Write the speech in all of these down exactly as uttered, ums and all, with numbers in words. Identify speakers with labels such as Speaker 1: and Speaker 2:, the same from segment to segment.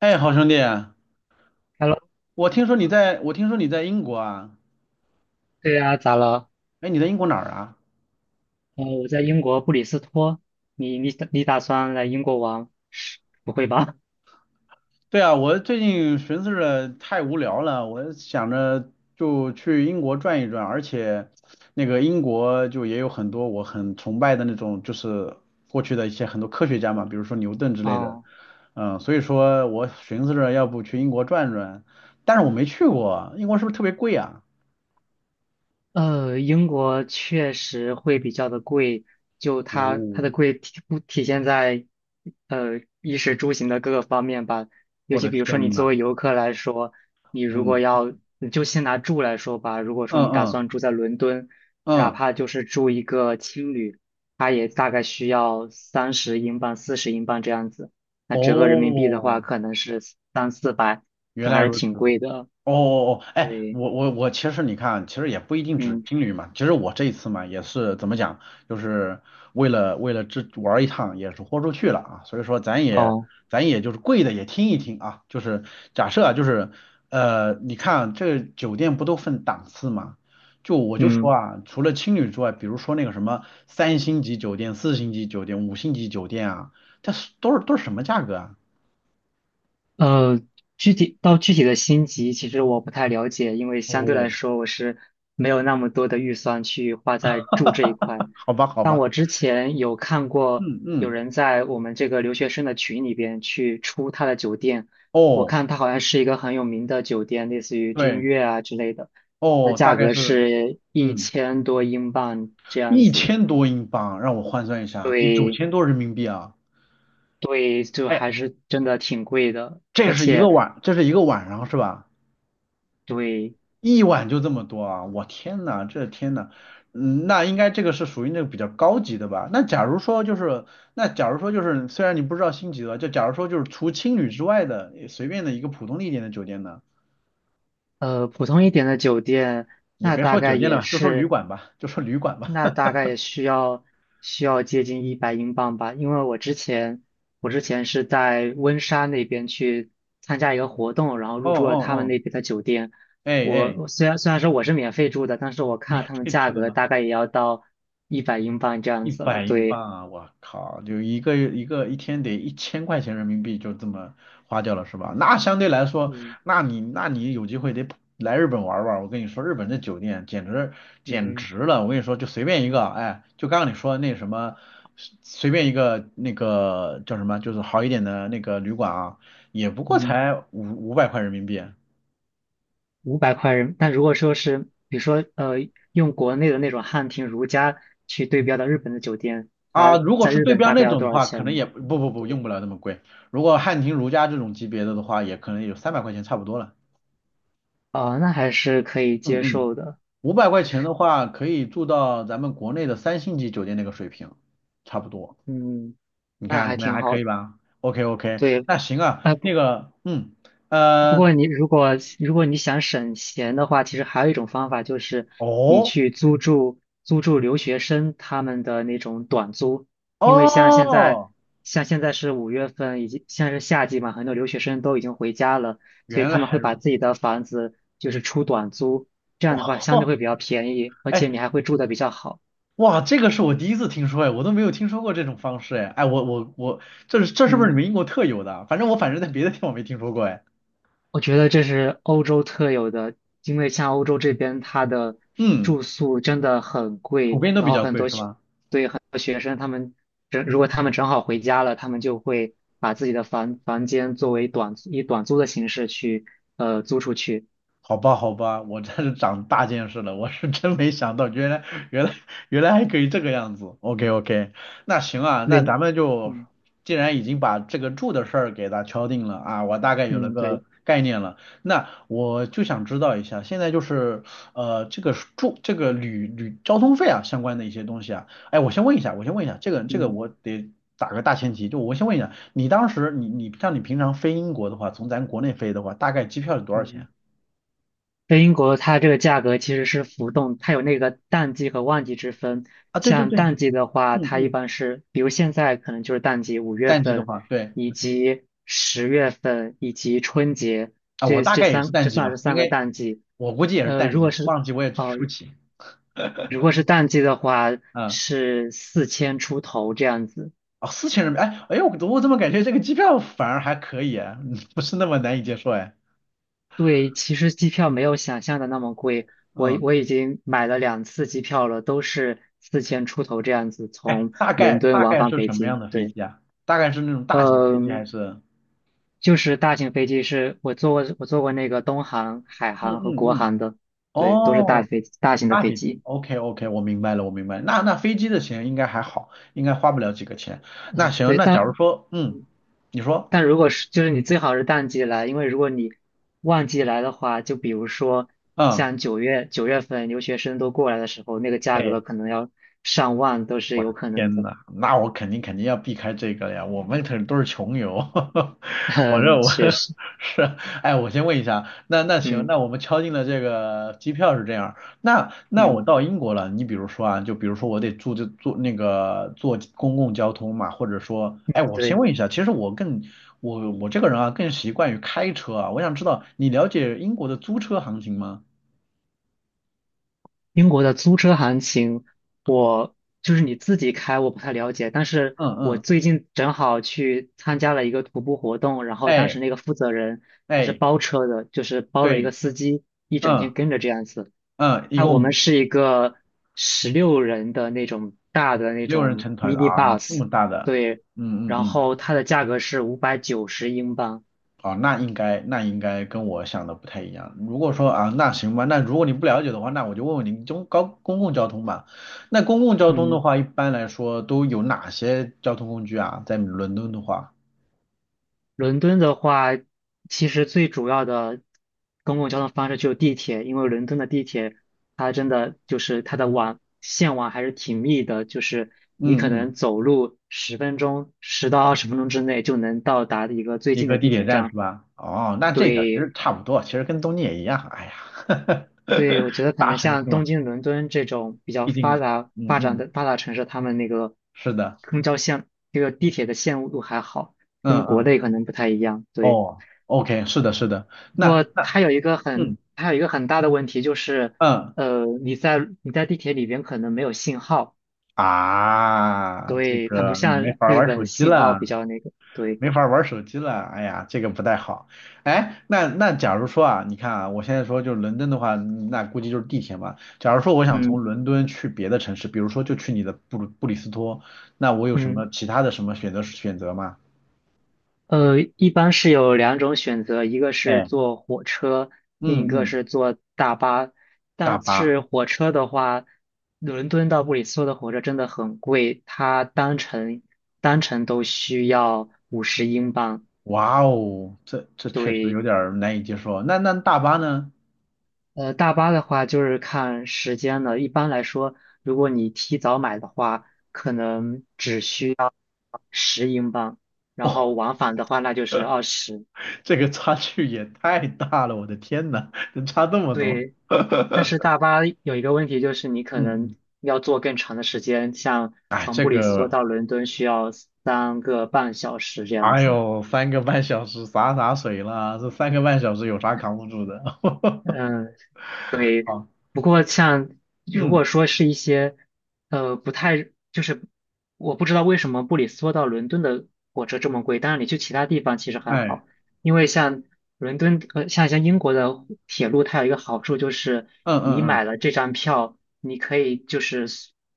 Speaker 1: 哎，好兄弟啊，
Speaker 2: Hello，
Speaker 1: 我听说你
Speaker 2: 啊
Speaker 1: 在，我听说你在英国啊？
Speaker 2: 对呀，咋了？
Speaker 1: 哎，你在英国哪儿啊？
Speaker 2: 呃，我在英国布里斯托。你你你打算来英国玩？是不会吧？
Speaker 1: 对啊，我最近寻思着太无聊了，我想着就去英国转一转，而且那个英国就也有很多我很崇拜的那种，就是过去的一些很多科学家嘛，比如说牛顿之 类的。
Speaker 2: 哦。
Speaker 1: 嗯，所以说我寻思着要不去英国转转，但是我没去过，英国是不是特别贵啊？
Speaker 2: 呃，英国确实会比较的贵，就它它
Speaker 1: 哦，
Speaker 2: 的贵体不体现在，呃，衣食住行的各个方面吧。尤
Speaker 1: 我
Speaker 2: 其
Speaker 1: 的
Speaker 2: 比如说你
Speaker 1: 天
Speaker 2: 作
Speaker 1: 呐。
Speaker 2: 为游客来说，你如果
Speaker 1: 嗯
Speaker 2: 要，你就先拿住来说吧。如果说
Speaker 1: 嗯
Speaker 2: 你打
Speaker 1: 嗯
Speaker 2: 算住在伦敦，你哪
Speaker 1: 嗯。
Speaker 2: 怕就是住一个青旅，它也大概需要三十英镑、四十英镑这样子。那折合人民币的话，
Speaker 1: 哦，
Speaker 2: 可能是三四百，
Speaker 1: 原
Speaker 2: 就
Speaker 1: 来
Speaker 2: 还是
Speaker 1: 如此。
Speaker 2: 挺贵的。
Speaker 1: 哦哦哦，哎，
Speaker 2: 对。
Speaker 1: 我我我其实你看，其实也不一定只
Speaker 2: 嗯。
Speaker 1: 青旅嘛。其实我这一次嘛，也是怎么讲，就是为了为了这玩儿一趟，也是豁出去了啊。所以说咱也
Speaker 2: 哦。
Speaker 1: 咱也就是贵的也听一听啊。就是假设啊，就是呃，你看这个酒店不都分档次嘛？就我就说
Speaker 2: 嗯。
Speaker 1: 啊，除了青旅之外，比如说那个什么三星级酒店、四星级酒店、五星级酒店啊，它是都是都是什么价格啊？
Speaker 2: 呃，具体到具体的星级，其实我不太了解，因为相对来
Speaker 1: 哦，
Speaker 2: 说我是没有那么多的预算去花在住这一块。
Speaker 1: 好吧，好
Speaker 2: 但
Speaker 1: 吧。
Speaker 2: 我之前有看过
Speaker 1: 嗯
Speaker 2: 有
Speaker 1: 嗯。
Speaker 2: 人在我们这个留学生的群里边去出他的酒店，我
Speaker 1: 哦。
Speaker 2: 看他好像是一个很有名的酒店，类似于君
Speaker 1: 对。
Speaker 2: 悦啊之类的，那
Speaker 1: 哦，大
Speaker 2: 价
Speaker 1: 概
Speaker 2: 格
Speaker 1: 是。
Speaker 2: 是一
Speaker 1: 嗯，
Speaker 2: 千多英镑这样
Speaker 1: 一
Speaker 2: 子。
Speaker 1: 千多英镑，让我换算一下，得九
Speaker 2: 对。
Speaker 1: 千多人民币啊！
Speaker 2: 对，就
Speaker 1: 哎，
Speaker 2: 还是真的挺贵的，
Speaker 1: 这
Speaker 2: 而
Speaker 1: 是一个
Speaker 2: 且
Speaker 1: 晚，这是一个晚上是吧？
Speaker 2: 对。
Speaker 1: 一晚就这么多啊！我天呐，这天呐。嗯，那应该这个是属于那个比较高级的吧？那假如说就是，那假如说就是，虽然你不知道星级的，就假如说就是除青旅之外的随便的一个普通的一点的酒店呢，
Speaker 2: 呃，普通一点的酒店，
Speaker 1: 也
Speaker 2: 那
Speaker 1: 别
Speaker 2: 大
Speaker 1: 说
Speaker 2: 概
Speaker 1: 酒店了
Speaker 2: 也
Speaker 1: 吧就说旅
Speaker 2: 是，
Speaker 1: 馆吧，就说旅馆吧。
Speaker 2: 那大 概也需要需要接近一百英镑吧。因为我之前我之前是在温莎那边去参加一个活动，然后
Speaker 1: 哦
Speaker 2: 入住
Speaker 1: 哦
Speaker 2: 了他们
Speaker 1: 哦。
Speaker 2: 那边的酒店。
Speaker 1: 哎
Speaker 2: 我
Speaker 1: 哎。
Speaker 2: 我虽然虽然说我是免费住的，但是我看了
Speaker 1: 免
Speaker 2: 他们
Speaker 1: 费
Speaker 2: 价
Speaker 1: 吃的
Speaker 2: 格，
Speaker 1: 吗？
Speaker 2: 大概也要到一百英镑这样
Speaker 1: 一
Speaker 2: 子了。
Speaker 1: 百英
Speaker 2: 对。
Speaker 1: 镑啊，我靠，就一个一个一天得一千块钱人民币就这么花掉了是吧？那相对来说，
Speaker 2: 对。
Speaker 1: 那你那你有机会得来日本玩玩。我跟你说，日本这酒店简直简
Speaker 2: 嗯
Speaker 1: 直了！我跟你说，就随便一个，哎，就刚刚你说那什么，随便一个那个叫什么，就是好一点的那个旅馆啊，也不过
Speaker 2: 嗯。
Speaker 1: 才五五百块人民币。
Speaker 2: 五百块人，但如果说是比如说呃用国内的那种汉庭如家去对标到日本的酒店，
Speaker 1: 啊，
Speaker 2: 它
Speaker 1: 如果
Speaker 2: 在
Speaker 1: 是
Speaker 2: 日
Speaker 1: 对
Speaker 2: 本
Speaker 1: 标
Speaker 2: 大概
Speaker 1: 那
Speaker 2: 要
Speaker 1: 种
Speaker 2: 多
Speaker 1: 的
Speaker 2: 少
Speaker 1: 话，可能
Speaker 2: 钱。
Speaker 1: 也不不不
Speaker 2: 对。
Speaker 1: 用不了那么贵。如果汉庭如家这种级别的的话，也可能有三百块钱差不多了。
Speaker 2: 哦，那还是可以
Speaker 1: 嗯
Speaker 2: 接
Speaker 1: 嗯。
Speaker 2: 受的。
Speaker 1: 五百块钱的话，可以住到咱们国内的三星级酒店那个水平，差不多。
Speaker 2: 嗯，
Speaker 1: 你
Speaker 2: 那
Speaker 1: 看
Speaker 2: 还
Speaker 1: 怎么样？
Speaker 2: 挺
Speaker 1: 还可
Speaker 2: 好
Speaker 1: 以
Speaker 2: 的。
Speaker 1: 吧？OK OK，
Speaker 2: 对。
Speaker 1: 那行啊，
Speaker 2: 啊、
Speaker 1: 那个嗯
Speaker 2: 不
Speaker 1: 呃
Speaker 2: 过你如果如果你想省钱的话，其实还有一种方法就是你
Speaker 1: 哦
Speaker 2: 去租住租住留学生他们的那种短租，因为像现在
Speaker 1: 哦，
Speaker 2: 像现在是五月份，已经在是夏季嘛，很多留学生都已经回家了，所以
Speaker 1: 原
Speaker 2: 他们
Speaker 1: 来
Speaker 2: 会
Speaker 1: 如
Speaker 2: 把自己
Speaker 1: 此。
Speaker 2: 的房子就是出短租，这样的话相对
Speaker 1: 哦。
Speaker 2: 会比较便宜，而且
Speaker 1: 哎。
Speaker 2: 你还会住的比较好。
Speaker 1: 哇，这个是我第一次听说哎，我都没有听说过这种方式哎。哎，我我我，这是这是不是你
Speaker 2: 嗯。
Speaker 1: 们英国特有的啊，反正我反正在别的地方没听说过哎。
Speaker 2: 我觉得这是欧洲特有的，因为像欧洲这边，它的
Speaker 1: 嗯，
Speaker 2: 住宿真的很
Speaker 1: 普
Speaker 2: 贵，
Speaker 1: 遍都
Speaker 2: 然
Speaker 1: 比
Speaker 2: 后
Speaker 1: 较
Speaker 2: 很
Speaker 1: 贵
Speaker 2: 多
Speaker 1: 是
Speaker 2: 学，
Speaker 1: 吗？
Speaker 2: 对很多学生，他们正如果他们正好回家了，他们就会把自己的房房间作为短以短租的形式去呃租出去。
Speaker 1: 好吧，好吧。我真是长大见识了，我是真没想到，原来原来原来还可以这个样子。OK OK，那行啊，那
Speaker 2: 对。
Speaker 1: 咱们就
Speaker 2: 嗯
Speaker 1: 既然已经把这个住的事儿给它敲定了啊，我大概有了
Speaker 2: 嗯。对。
Speaker 1: 个概念了。那我就想知道一下，现在就是呃这个住这个旅旅交通费啊相关的一些东西啊。哎，我先问一下，我先问一下，这个这个
Speaker 2: 嗯
Speaker 1: 我得打个大前提，就我先问一下，你当时你你像你平常飞英国的话，从咱国内飞的话，大概机票是多少钱？
Speaker 2: 嗯。在英国，它这个价格其实是浮动，它有那个淡季和旺季之分。
Speaker 1: 啊，对对
Speaker 2: 像
Speaker 1: 对。
Speaker 2: 淡季的话，
Speaker 1: 嗯
Speaker 2: 它一
Speaker 1: 嗯。
Speaker 2: 般是，比如现在可能就是淡季，五月
Speaker 1: 淡季的
Speaker 2: 份，
Speaker 1: 话，对
Speaker 2: 以及十月份，以及春节，
Speaker 1: 啊，我
Speaker 2: 这
Speaker 1: 大
Speaker 2: 这
Speaker 1: 概也是
Speaker 2: 三这
Speaker 1: 淡季
Speaker 2: 算
Speaker 1: 吧，
Speaker 2: 是
Speaker 1: 应
Speaker 2: 三个
Speaker 1: 该
Speaker 2: 淡季。
Speaker 1: 我估计也是
Speaker 2: 呃，
Speaker 1: 淡
Speaker 2: 如果
Speaker 1: 季，
Speaker 2: 是
Speaker 1: 旺季我也去
Speaker 2: 呃
Speaker 1: 不起。
Speaker 2: 如果是淡季的话，
Speaker 1: 嗯。
Speaker 2: 是四千出头这样子。
Speaker 1: 哦，四千人民币，哎哎呦，我我怎么感觉这个机票反而还可以啊，嗯不是那么难以接受哎。
Speaker 2: 对，其实机票没有想象的那么贵，我
Speaker 1: 嗯。
Speaker 2: 我已经买了两次机票了，都是四千出头这样子，
Speaker 1: 哎，
Speaker 2: 从
Speaker 1: 大
Speaker 2: 伦
Speaker 1: 概
Speaker 2: 敦
Speaker 1: 大
Speaker 2: 往
Speaker 1: 概
Speaker 2: 返
Speaker 1: 是
Speaker 2: 北
Speaker 1: 什么样
Speaker 2: 京。
Speaker 1: 的飞
Speaker 2: 对。
Speaker 1: 机啊？大概是那种大型飞机还
Speaker 2: 嗯，
Speaker 1: 是？
Speaker 2: 就是大型飞机是我坐过，我坐过那个东航、海
Speaker 1: 嗯
Speaker 2: 航和
Speaker 1: 嗯
Speaker 2: 国
Speaker 1: 嗯。
Speaker 2: 航的。对，都是大
Speaker 1: 哦，
Speaker 2: 飞大型的
Speaker 1: 大
Speaker 2: 飞
Speaker 1: 飞机
Speaker 2: 机。
Speaker 1: ，OK OK，我明白了，我明白了，那那飞机的钱应该还好，应该花不了几个钱。那行，
Speaker 2: 对，
Speaker 1: 那假
Speaker 2: 但
Speaker 1: 如说，嗯，你说。
Speaker 2: 但如果是就是你最好是淡季来，因为如果你旺季来的话，就比如说
Speaker 1: 嗯。
Speaker 2: 像九月九月份留学生都过来的时候，那个价格
Speaker 1: 哎。
Speaker 2: 可能要上万都是有可能
Speaker 1: 天
Speaker 2: 的。
Speaker 1: 呐，那我肯定肯定要避开这个了呀！我们可都是穷游。我这
Speaker 2: 嗯，
Speaker 1: 我
Speaker 2: 确实。
Speaker 1: 是。哎，我先问一下。那那行，
Speaker 2: 嗯
Speaker 1: 那我们敲定了这个机票是这样，那那我
Speaker 2: 嗯。
Speaker 1: 到英国了，你比如说啊，就比如说我得住就坐那个坐公共交通嘛，或者说，哎，
Speaker 2: 嗯。
Speaker 1: 我先
Speaker 2: 对，
Speaker 1: 问一下，其实我更我我这个人啊更习惯于开车啊，我想知道你了解英国的租车行情吗？
Speaker 2: 英国的租车行情，我就是你自己开，我不太了解，但是
Speaker 1: 嗯
Speaker 2: 我
Speaker 1: 嗯。
Speaker 2: 最近正好去参加了一个徒步活动，然后当
Speaker 1: 哎
Speaker 2: 时那个负责人他是
Speaker 1: 哎。
Speaker 2: 包车的，就是包了一个
Speaker 1: 对。
Speaker 2: 司机，一整
Speaker 1: 嗯
Speaker 2: 天跟着这样子。
Speaker 1: 嗯。一
Speaker 2: 他我们
Speaker 1: 共。
Speaker 2: 是一个十六人的那种大的那
Speaker 1: 六人
Speaker 2: 种
Speaker 1: 成团啊，
Speaker 2: mini
Speaker 1: 这
Speaker 2: bus。
Speaker 1: 么大的。
Speaker 2: 对，
Speaker 1: 嗯嗯
Speaker 2: 然
Speaker 1: 嗯。
Speaker 2: 后它的价格是五百九十英镑。
Speaker 1: 哦，那应该那应该跟我想的不太一样。如果说啊，那行吧，那如果你不了解的话，那我就问问你中高公共交通吧。那公共交通的
Speaker 2: 嗯。
Speaker 1: 话，一般来说都有哪些交通工具啊？在伦敦的话，
Speaker 2: 伦敦的话，其实最主要的公共交通方式就是地铁，因为伦敦的地铁它真的就是它的网线网还是挺密的，就是你
Speaker 1: 嗯
Speaker 2: 可
Speaker 1: 嗯，
Speaker 2: 能走路十分钟，十到二十分钟之内就能到达一个最
Speaker 1: 一
Speaker 2: 近的
Speaker 1: 个地
Speaker 2: 地
Speaker 1: 铁
Speaker 2: 铁
Speaker 1: 站
Speaker 2: 站。
Speaker 1: 是吧？哦，那这个其
Speaker 2: 对。
Speaker 1: 实差不多，其实跟东京也一样。哎呀，
Speaker 2: 对，我觉得 可
Speaker 1: 大
Speaker 2: 能
Speaker 1: 城
Speaker 2: 像
Speaker 1: 市
Speaker 2: 东
Speaker 1: 嘛，
Speaker 2: 京、伦敦这种比较
Speaker 1: 毕竟。
Speaker 2: 发达、
Speaker 1: 嗯
Speaker 2: 发展
Speaker 1: 嗯，
Speaker 2: 的发达城市，他们那个
Speaker 1: 是的。
Speaker 2: 公交线、这个地铁的线路还好，
Speaker 1: 嗯
Speaker 2: 跟国
Speaker 1: 嗯。
Speaker 2: 内可能不太一样。对。
Speaker 1: 哦，OK,是的，是的。
Speaker 2: 不
Speaker 1: 那
Speaker 2: 过
Speaker 1: 那。
Speaker 2: 它有一个很，
Speaker 1: 嗯。
Speaker 2: 它有一个很大的问题就是，
Speaker 1: 嗯
Speaker 2: 呃，你在你在地铁里边可能没有信号，
Speaker 1: 啊，
Speaker 2: 所
Speaker 1: 这
Speaker 2: 以它
Speaker 1: 个
Speaker 2: 不
Speaker 1: 我没
Speaker 2: 像
Speaker 1: 法儿
Speaker 2: 日
Speaker 1: 玩手
Speaker 2: 本
Speaker 1: 机
Speaker 2: 信号
Speaker 1: 了，
Speaker 2: 比较那个。对。
Speaker 1: 没法儿玩手机了。哎呀，这个不太好。哎，那那假如说啊，你看啊，我现在说就是伦敦的话，那估计就是地铁嘛。假如说我想从
Speaker 2: 嗯
Speaker 1: 伦敦去别的城市，比如说就去你的布鲁布里斯托，那我有什
Speaker 2: 嗯。
Speaker 1: 么其他的什么选择选择吗？
Speaker 2: 呃，一般是有两种选择，一个是
Speaker 1: 哎。
Speaker 2: 坐火车，
Speaker 1: 嗯
Speaker 2: 另一个
Speaker 1: 嗯。
Speaker 2: 是坐大巴。
Speaker 1: 大
Speaker 2: 但
Speaker 1: 巴。
Speaker 2: 是火车的话，伦敦到布里斯托的火车真的很贵，它单程单程都需要五十英镑。
Speaker 1: 哇哦，这这确实
Speaker 2: 对。
Speaker 1: 有点儿难以接受。那那大巴呢？
Speaker 2: 呃，大巴的话就是看时间的。一般来说，如果你提早买的话，可能只需十英镑，然后 往返的话那就是二十。
Speaker 1: 这个差距也太大了，我的天呐，能差这么多？
Speaker 2: 对，但是大 巴有一个问题就是你可
Speaker 1: 嗯嗯。
Speaker 2: 能要坐更长的时间，像
Speaker 1: 哎，
Speaker 2: 从
Speaker 1: 这
Speaker 2: 布里斯托
Speaker 1: 个。
Speaker 2: 到伦敦需要三个半小时这样
Speaker 1: 哎
Speaker 2: 子。
Speaker 1: 呦，三个半小时洒洒水啦，这三个半小时有啥扛不住的？
Speaker 2: 嗯。对。
Speaker 1: 好。
Speaker 2: 不过像如
Speaker 1: 嗯。
Speaker 2: 果说是一些，呃，不太就是我不知道为什么布里斯托到伦敦的火车这么贵，当然你去其他地方其实还
Speaker 1: 哎。
Speaker 2: 好，因为像伦敦呃像像英国的铁路，它有一个好处就是
Speaker 1: 嗯
Speaker 2: 你
Speaker 1: 嗯嗯。
Speaker 2: 买了这张票，你可以就是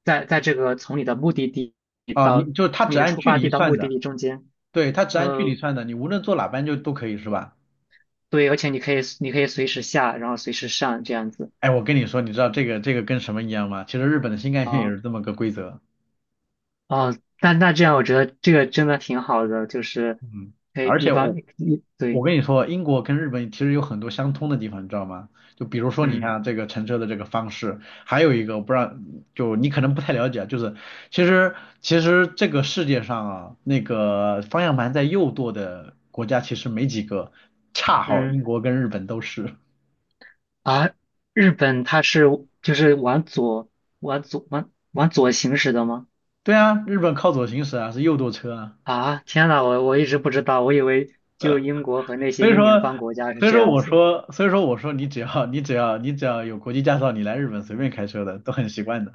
Speaker 2: 在在这个从你的目的地
Speaker 1: 啊，
Speaker 2: 到
Speaker 1: 你就它
Speaker 2: 从
Speaker 1: 只
Speaker 2: 你的
Speaker 1: 按
Speaker 2: 出
Speaker 1: 距
Speaker 2: 发
Speaker 1: 离
Speaker 2: 地到目
Speaker 1: 算
Speaker 2: 的
Speaker 1: 的。
Speaker 2: 地中间。
Speaker 1: 对，它只按距离
Speaker 2: 呃，
Speaker 1: 算的，你无论坐哪班就都可以是吧？
Speaker 2: 对，而且你可以你可以随时下，然后随时上这样子。
Speaker 1: 哎，我跟你说，你知道这个这个跟什么一样吗？其实日本的新干线也
Speaker 2: 啊。
Speaker 1: 是这么个规则。
Speaker 2: 哦，那那这样，我觉得这个真的挺好的，就是
Speaker 1: 嗯，
Speaker 2: 可以
Speaker 1: 而
Speaker 2: 一
Speaker 1: 且我
Speaker 2: 方一
Speaker 1: 我
Speaker 2: 对。
Speaker 1: 跟你说，英国跟日本其实有很多相通的地方，你知道吗？就比如说你
Speaker 2: 嗯
Speaker 1: 看这个乘车的这个方式，还有一个我不知道，就你可能不太了解啊，就是其实其实这个世界上啊，那个方向盘在右舵的国家其实没几个，恰好
Speaker 2: 嗯。
Speaker 1: 英国跟日本都是。
Speaker 2: 啊，日本它是就是往左往左往往左行驶的吗？
Speaker 1: 对啊，日本靠左行驶啊，是右舵车啊。
Speaker 2: 啊，天呐，我我一直不知道，我以为就英国和那些
Speaker 1: 所以
Speaker 2: 英联
Speaker 1: 说，
Speaker 2: 邦国家是
Speaker 1: 所以
Speaker 2: 这
Speaker 1: 说
Speaker 2: 样
Speaker 1: 我
Speaker 2: 子。
Speaker 1: 说，所以说我说你只要你只要你只要有国际驾照，你来日本随便开车的都很习惯的。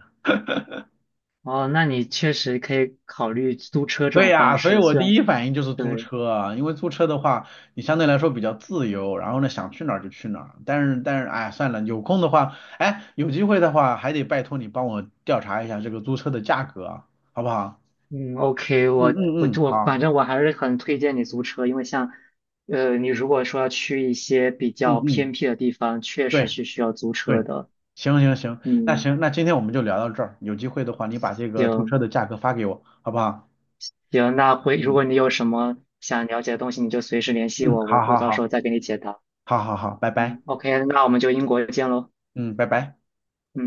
Speaker 2: 哦，那你确实可以考虑租车这
Speaker 1: 对
Speaker 2: 种方
Speaker 1: 呀，所以
Speaker 2: 式，
Speaker 1: 我
Speaker 2: 虽然
Speaker 1: 第一反应就是租
Speaker 2: 对。
Speaker 1: 车啊，因为租车的话，你相对来说比较自由，然后呢，想去哪儿就去哪儿。但是，但是，哎，算了，有空的话，哎，有机会的话，还得拜托你帮我调查一下这个租车的价格啊，好不好？
Speaker 2: 嗯。OK,
Speaker 1: 嗯
Speaker 2: 我
Speaker 1: 嗯
Speaker 2: 我
Speaker 1: 嗯。
Speaker 2: 我
Speaker 1: 好。
Speaker 2: 反正我还是很推荐你租车，因为像，呃，你如果说要去一些比
Speaker 1: 嗯
Speaker 2: 较偏
Speaker 1: 嗯。
Speaker 2: 僻的地方，确实
Speaker 1: 对
Speaker 2: 是需要租车
Speaker 1: 对。
Speaker 2: 的。
Speaker 1: 行行行，那
Speaker 2: 嗯，
Speaker 1: 行，那今天我们就聊到这儿，有机会的话，你把这个租
Speaker 2: 行
Speaker 1: 车的价格发给我，好不好？
Speaker 2: 行，那回如
Speaker 1: 嗯
Speaker 2: 果你有什么想了解的东西，你就随时联系
Speaker 1: 嗯，
Speaker 2: 我，我
Speaker 1: 好
Speaker 2: 我
Speaker 1: 好
Speaker 2: 到时
Speaker 1: 好，
Speaker 2: 候再给你解答。
Speaker 1: 好好好，拜拜。
Speaker 2: 嗯，OK,那我们就英国见喽。
Speaker 1: 嗯，拜拜。
Speaker 2: 嗯。